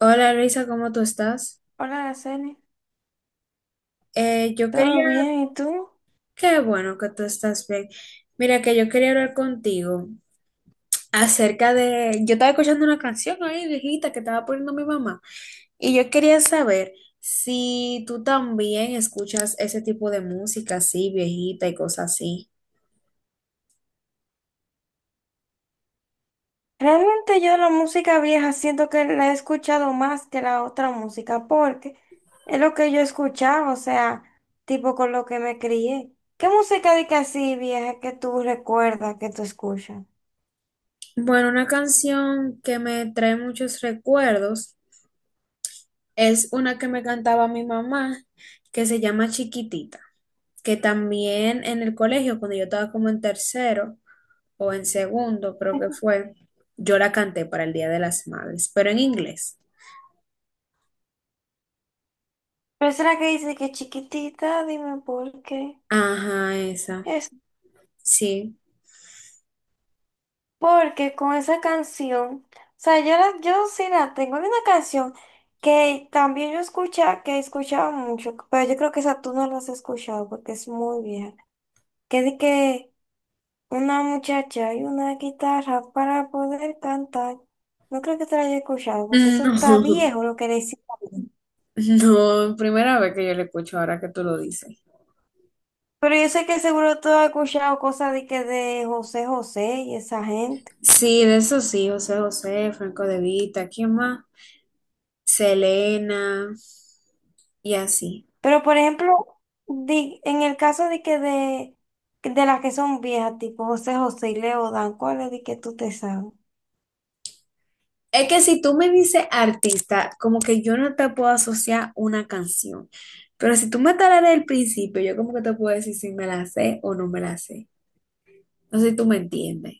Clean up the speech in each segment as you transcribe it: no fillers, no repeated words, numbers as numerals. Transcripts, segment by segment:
Hola Luisa, ¿cómo tú estás? Hola, Araceli. Yo ¿Todo quería, bien? ¿Y tú? qué bueno que tú estás bien. Mira, que yo quería hablar contigo acerca de, yo estaba escuchando una canción ahí viejita que estaba poniendo mi mamá y yo quería saber si tú también escuchas ese tipo de música así, viejita y cosas así. Realmente yo la música vieja siento que la he escuchado más que la otra música porque es lo que yo escuchaba, o sea, tipo con lo que me crié. ¿Qué música de que así vieja que tú recuerdas, que tú escuchas? Bueno, una canción que me trae muchos recuerdos. Es una que me cantaba mi mamá, que se llama Chiquitita, que también en el colegio, cuando yo estaba como en tercero o en segundo, creo que fue, yo la canté para el Día de las Madres, pero en inglés. Pero será que dice que chiquitita, dime por qué. Ajá, esa, sí. Porque con esa canción, o sea, yo sí la tengo. Había una canción que también yo escuchaba, que escuchaba mucho, pero yo creo que esa tú no la has escuchado porque es muy vieja. Que de que una muchacha y una guitarra para poder cantar. No creo que te la haya escuchado porque eso está viejo lo que decía. No, no, primera vez que yo le escucho ahora que tú lo dices. Pero yo sé que seguro tú has escuchado cosas de que de José José y esa gente. Sí, de eso sí, José José, Franco De Vita, ¿quién más? Selena y así. Pero por ejemplo, en el caso de las que son viejas, tipo José José y Leodan, ¿cuál es de que tú te sabes? Es que si tú me dices artista, como que yo no te puedo asociar una canción. Pero si tú me talas desde el principio, yo como que te puedo decir si me la sé o no me la sé. No sé si tú me entiendes.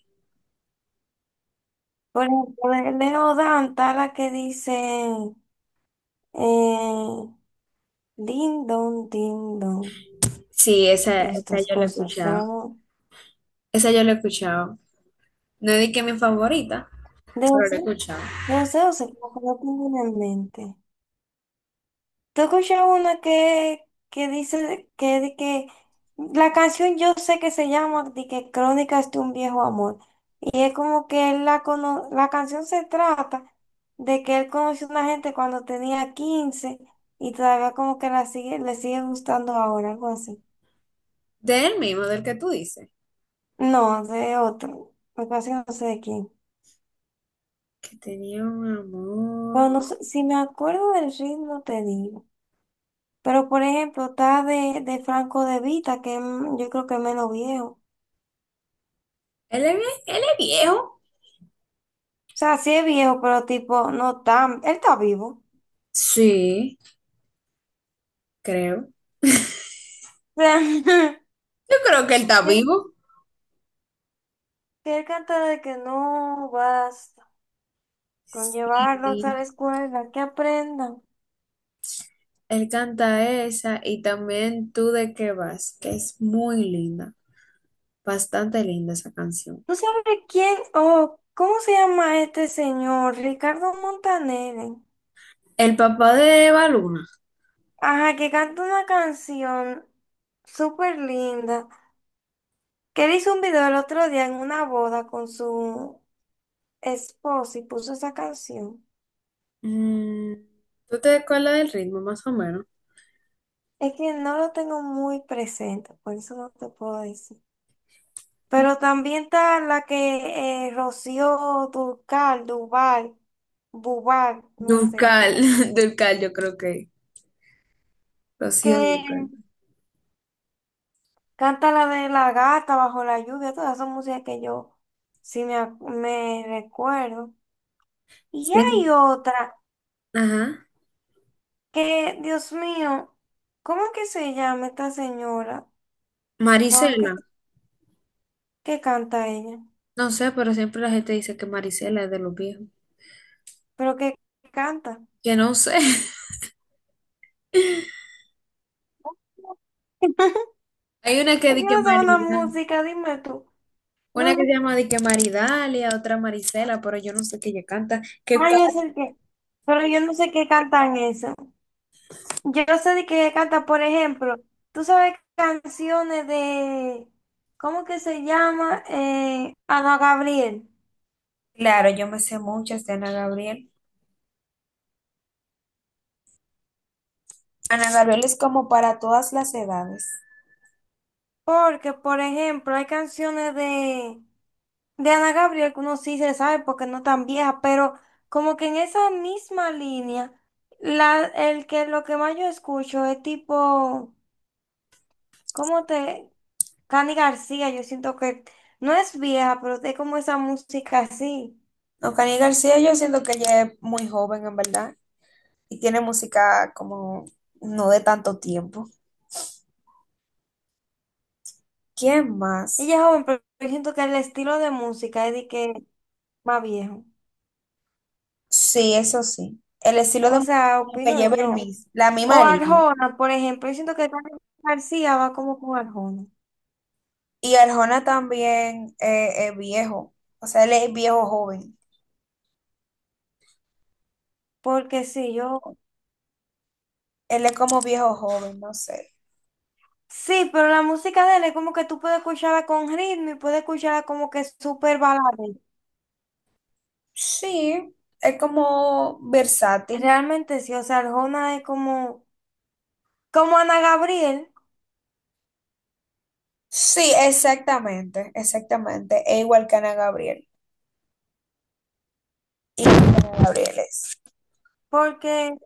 Por ejemplo, de Leodan está la que dice eh, din don, Sí, esa estas yo la he cosas. escuchado. Esa yo la he escuchado. No es que es mi favorita, De pero José, la he escuchado. de José José, como que no tengo una en mente. ¿Tú has escuchado una que dice que, de que la canción yo sé que se llama de que Crónicas de un viejo amor? Y es como que la canción se trata de que él conoció a una gente cuando tenía 15 y todavía como que la sigue, le sigue gustando ahora, algo así. De él mismo, del que tú dices. No, de otro. Lo que pasa es que no sé de quién. Que tenía un Pero amor. no sé, si me acuerdo del ritmo te digo. Pero por ejemplo, está de Franco De Vita, yo creo que es menos viejo. O Él es, él es viejo. sea, sí es viejo, pero tipo, no tan. Él está vivo. Sí, creo. Yo creo que él está vivo. Que él canta de que no vas con Sí. llevarlos a la escuela, que aprendan. Él canta esa y también Tú de qué vas, que es muy linda, bastante linda esa canción. ¿Tú sabes quién? Oh, ¿cómo se llama este señor? Ricardo Montaner. El papá de Eva Luna. Ajá, que canta una canción súper linda. Que él hizo un video el otro día en una boda con su esposa y puso esa canción. Mm, ¿tú te acuerdas del ritmo más o menos? Es que no lo tengo muy presente, por eso no te puedo decir. Pero también está la que Rocío Dúrcal, Duval, Bubal, no sé, Dulcal, Dulcal yo creo que. que Rocío Dulcal. canta la de la gata bajo la lluvia, todas son músicas que yo me recuerdo. Y Sí, hay es- otra Ajá. que, Dios mío, ¿cómo es que se llama esta señora? ¿Cómo es que, Marisela. se- ¿Que canta ella? No sé, pero siempre la gente dice que Marisela es de los viejos. ¿Pero que canta? Que no sé. Hay una que Yo dice que no sé una Marida. música, dime tú. Una No, que no, se llama dice que Maridalia, otra Marisela, pero yo no sé qué ella canta. Que ay, es el que. Pero yo no sé qué cantan eso. Yo no sé de que canta, por ejemplo, tú sabes canciones de, ¿cómo que se llama? Ana Gabriel. claro, yo me sé muchas de Ana Gabriel. Ana Gabriel es como para todas las edades. Porque, por ejemplo, hay canciones de Ana Gabriel que uno sí se sabe porque no tan vieja, pero como que en esa misma línea, el que lo que más yo escucho es tipo, ¿cómo te? Cani García, yo siento que no es vieja, pero es como esa música así. No, Cani García, yo siento que ella es muy joven en verdad y tiene música como no de tanto tiempo. ¿Quién más? Ella es joven, pero yo siento que el estilo de música es de que más viejo. Sí, eso sí. El estilo de O música sea, como que opino lleva el yo. mismo, la O misma línea. Arjona, por ejemplo, yo siento que Carlos García va como con Arjona. Y Arjona también es viejo, o sea, él es viejo joven. Porque sí, yo... Él es como viejo joven, no sé. Sí, pero la música de él es como que tú puedes escucharla con ritmo y puedes escucharla como que súper balada. Sí, es como versátil. Realmente sí, o sea, Arjona es como, como Ana Gabriel, Sí, exactamente, exactamente. Es igual que Ana Gabriel. Igual que Ana Gabriel es. porque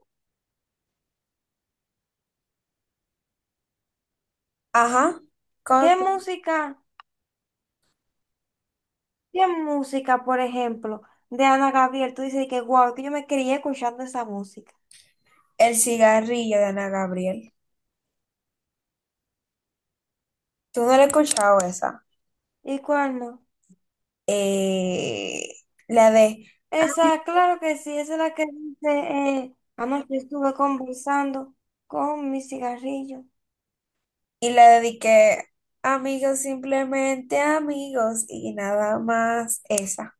Ajá. Con ¿qué música? ¿Qué música, por ejemplo, de Ana Gabriel? Tú dices que, wow, que yo me crié escuchando esa música. el cigarrillo de Ana Gabriel. ¿Tú no la has escuchado esa? ¿Y cuál no? Eh, la de... "Ami-" Esa, claro que sí, esa es la que dice, anoche estuve conversando con mi cigarrillo, Y la dediqué, amigos, simplemente amigos y nada más esa.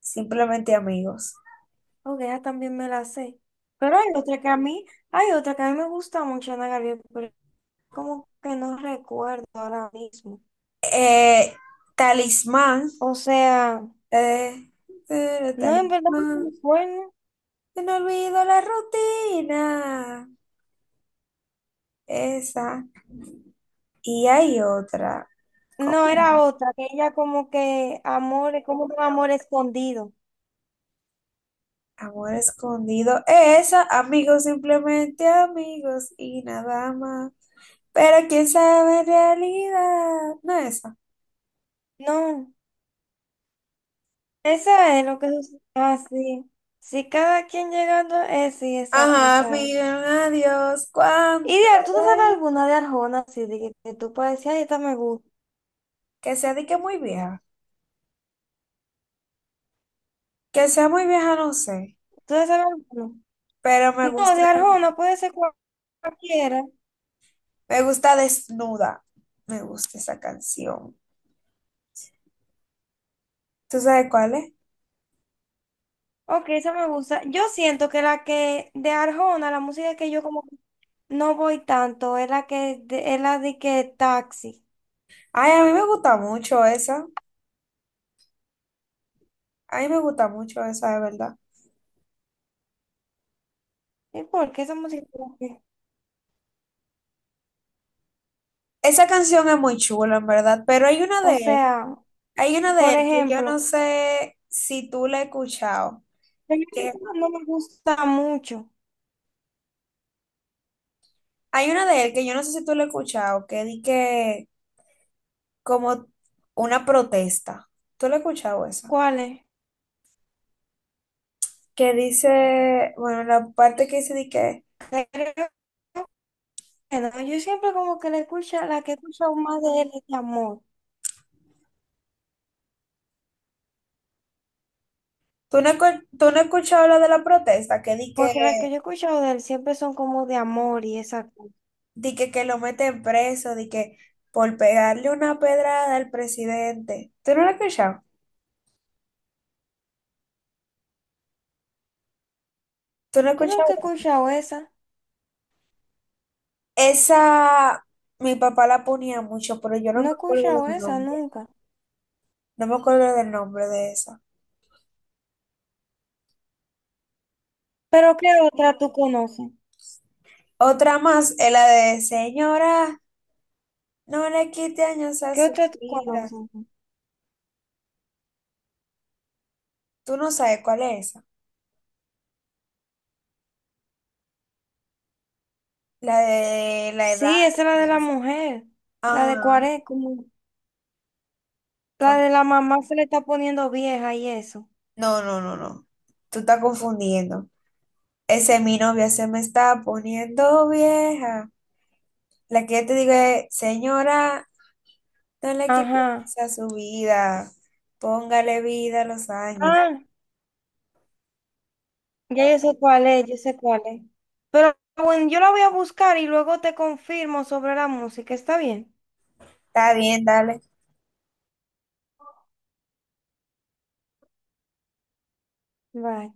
Simplemente amigos. porque ya también me la sé. Pero hay otra que a mí me gusta mucho, Ana Gabriel, pero como que no recuerdo ahora mismo. Eh, talismán. O sea, eh, no, en verdad no talismán. recuerdo. Que no olvido la rutina. Esa. Y hay otra. ¿Cómo? No, era otra, que ella como que amor, como un amor escondido. Amor escondido. Esa, amigos, simplemente amigos y nada más. Pero quién sabe en realidad. No esa. No, esa es lo que sucede. Ah, sí. Si cada quien llegando, es sí, Ajá, esa es. miren, adiós. Y ¿Cuánto de, ¿tú te sabes hay? alguna de Arjona, así de que tú puedes decir, ay, esta me gusta? Que sea de que muy vieja. Que sea muy vieja, no sé. ¿Tú te sabes alguna? Pero No, de Arjona puede ser cualquiera. me gusta desnuda. Me gusta esa canción. ¿Tú sabes cuál es? Ok, esa me gusta. Yo siento que la que de Arjona, la música que yo como que no voy tanto, es la de que taxi. Ay, a mí me gusta mucho esa. A mí me gusta mucho esa, de verdad. ¿Y por qué esa música? Como que... Esa canción es muy chula, en verdad, pero hay una O de él, sea, hay una de por él que yo no ejemplo, sé si tú la has escuchado, hay una que que no me gusta mucho. hay una de él que yo no sé si tú la has escuchado, que di que como una protesta. ¿Tú la has escuchado esa? ¿Cuál es? Que dice, bueno, la parte que dice di que Creo que no. Yo siempre como que la escucho, la que escucho más de él es de amor. tú no, tú no has escuchado lo de la protesta, que di que Porque las que yo he escuchado de él siempre son como de amor y esa cosa. di que lo meten preso, di que por pegarle una pedrada al presidente. ¿Tú no la has escuchado? ¿Tú no has Yo escuchado? nunca he escuchado esa. Esa, mi papá la ponía mucho, pero yo no No me he acuerdo escuchado del esa nombre. nunca. No me acuerdo del nombre de esa. Pero ¿qué otra tú conoces? Otra más es la de Señora, no le quite años a ¿Qué su otra tú vida. conoces? Tú no sabes cuál es esa. La de la edad. Sí, esa es la Y de la eso. mujer. La de Ajá. 40, como la con- de la mamá se le está poniendo vieja y eso. No, no, no, no. Tú estás confundiendo. Ese es mi novia, se me está poniendo vieja. La que yo te digo es, señora, no le quite Ajá. años a su vida. Póngale vida a los años. Ah, ya yo sé cuál es, yo sé cuál es. Pero bueno, yo la voy a buscar y luego te confirmo sobre la música. ¿Está bien? Está bien, dale. Bye.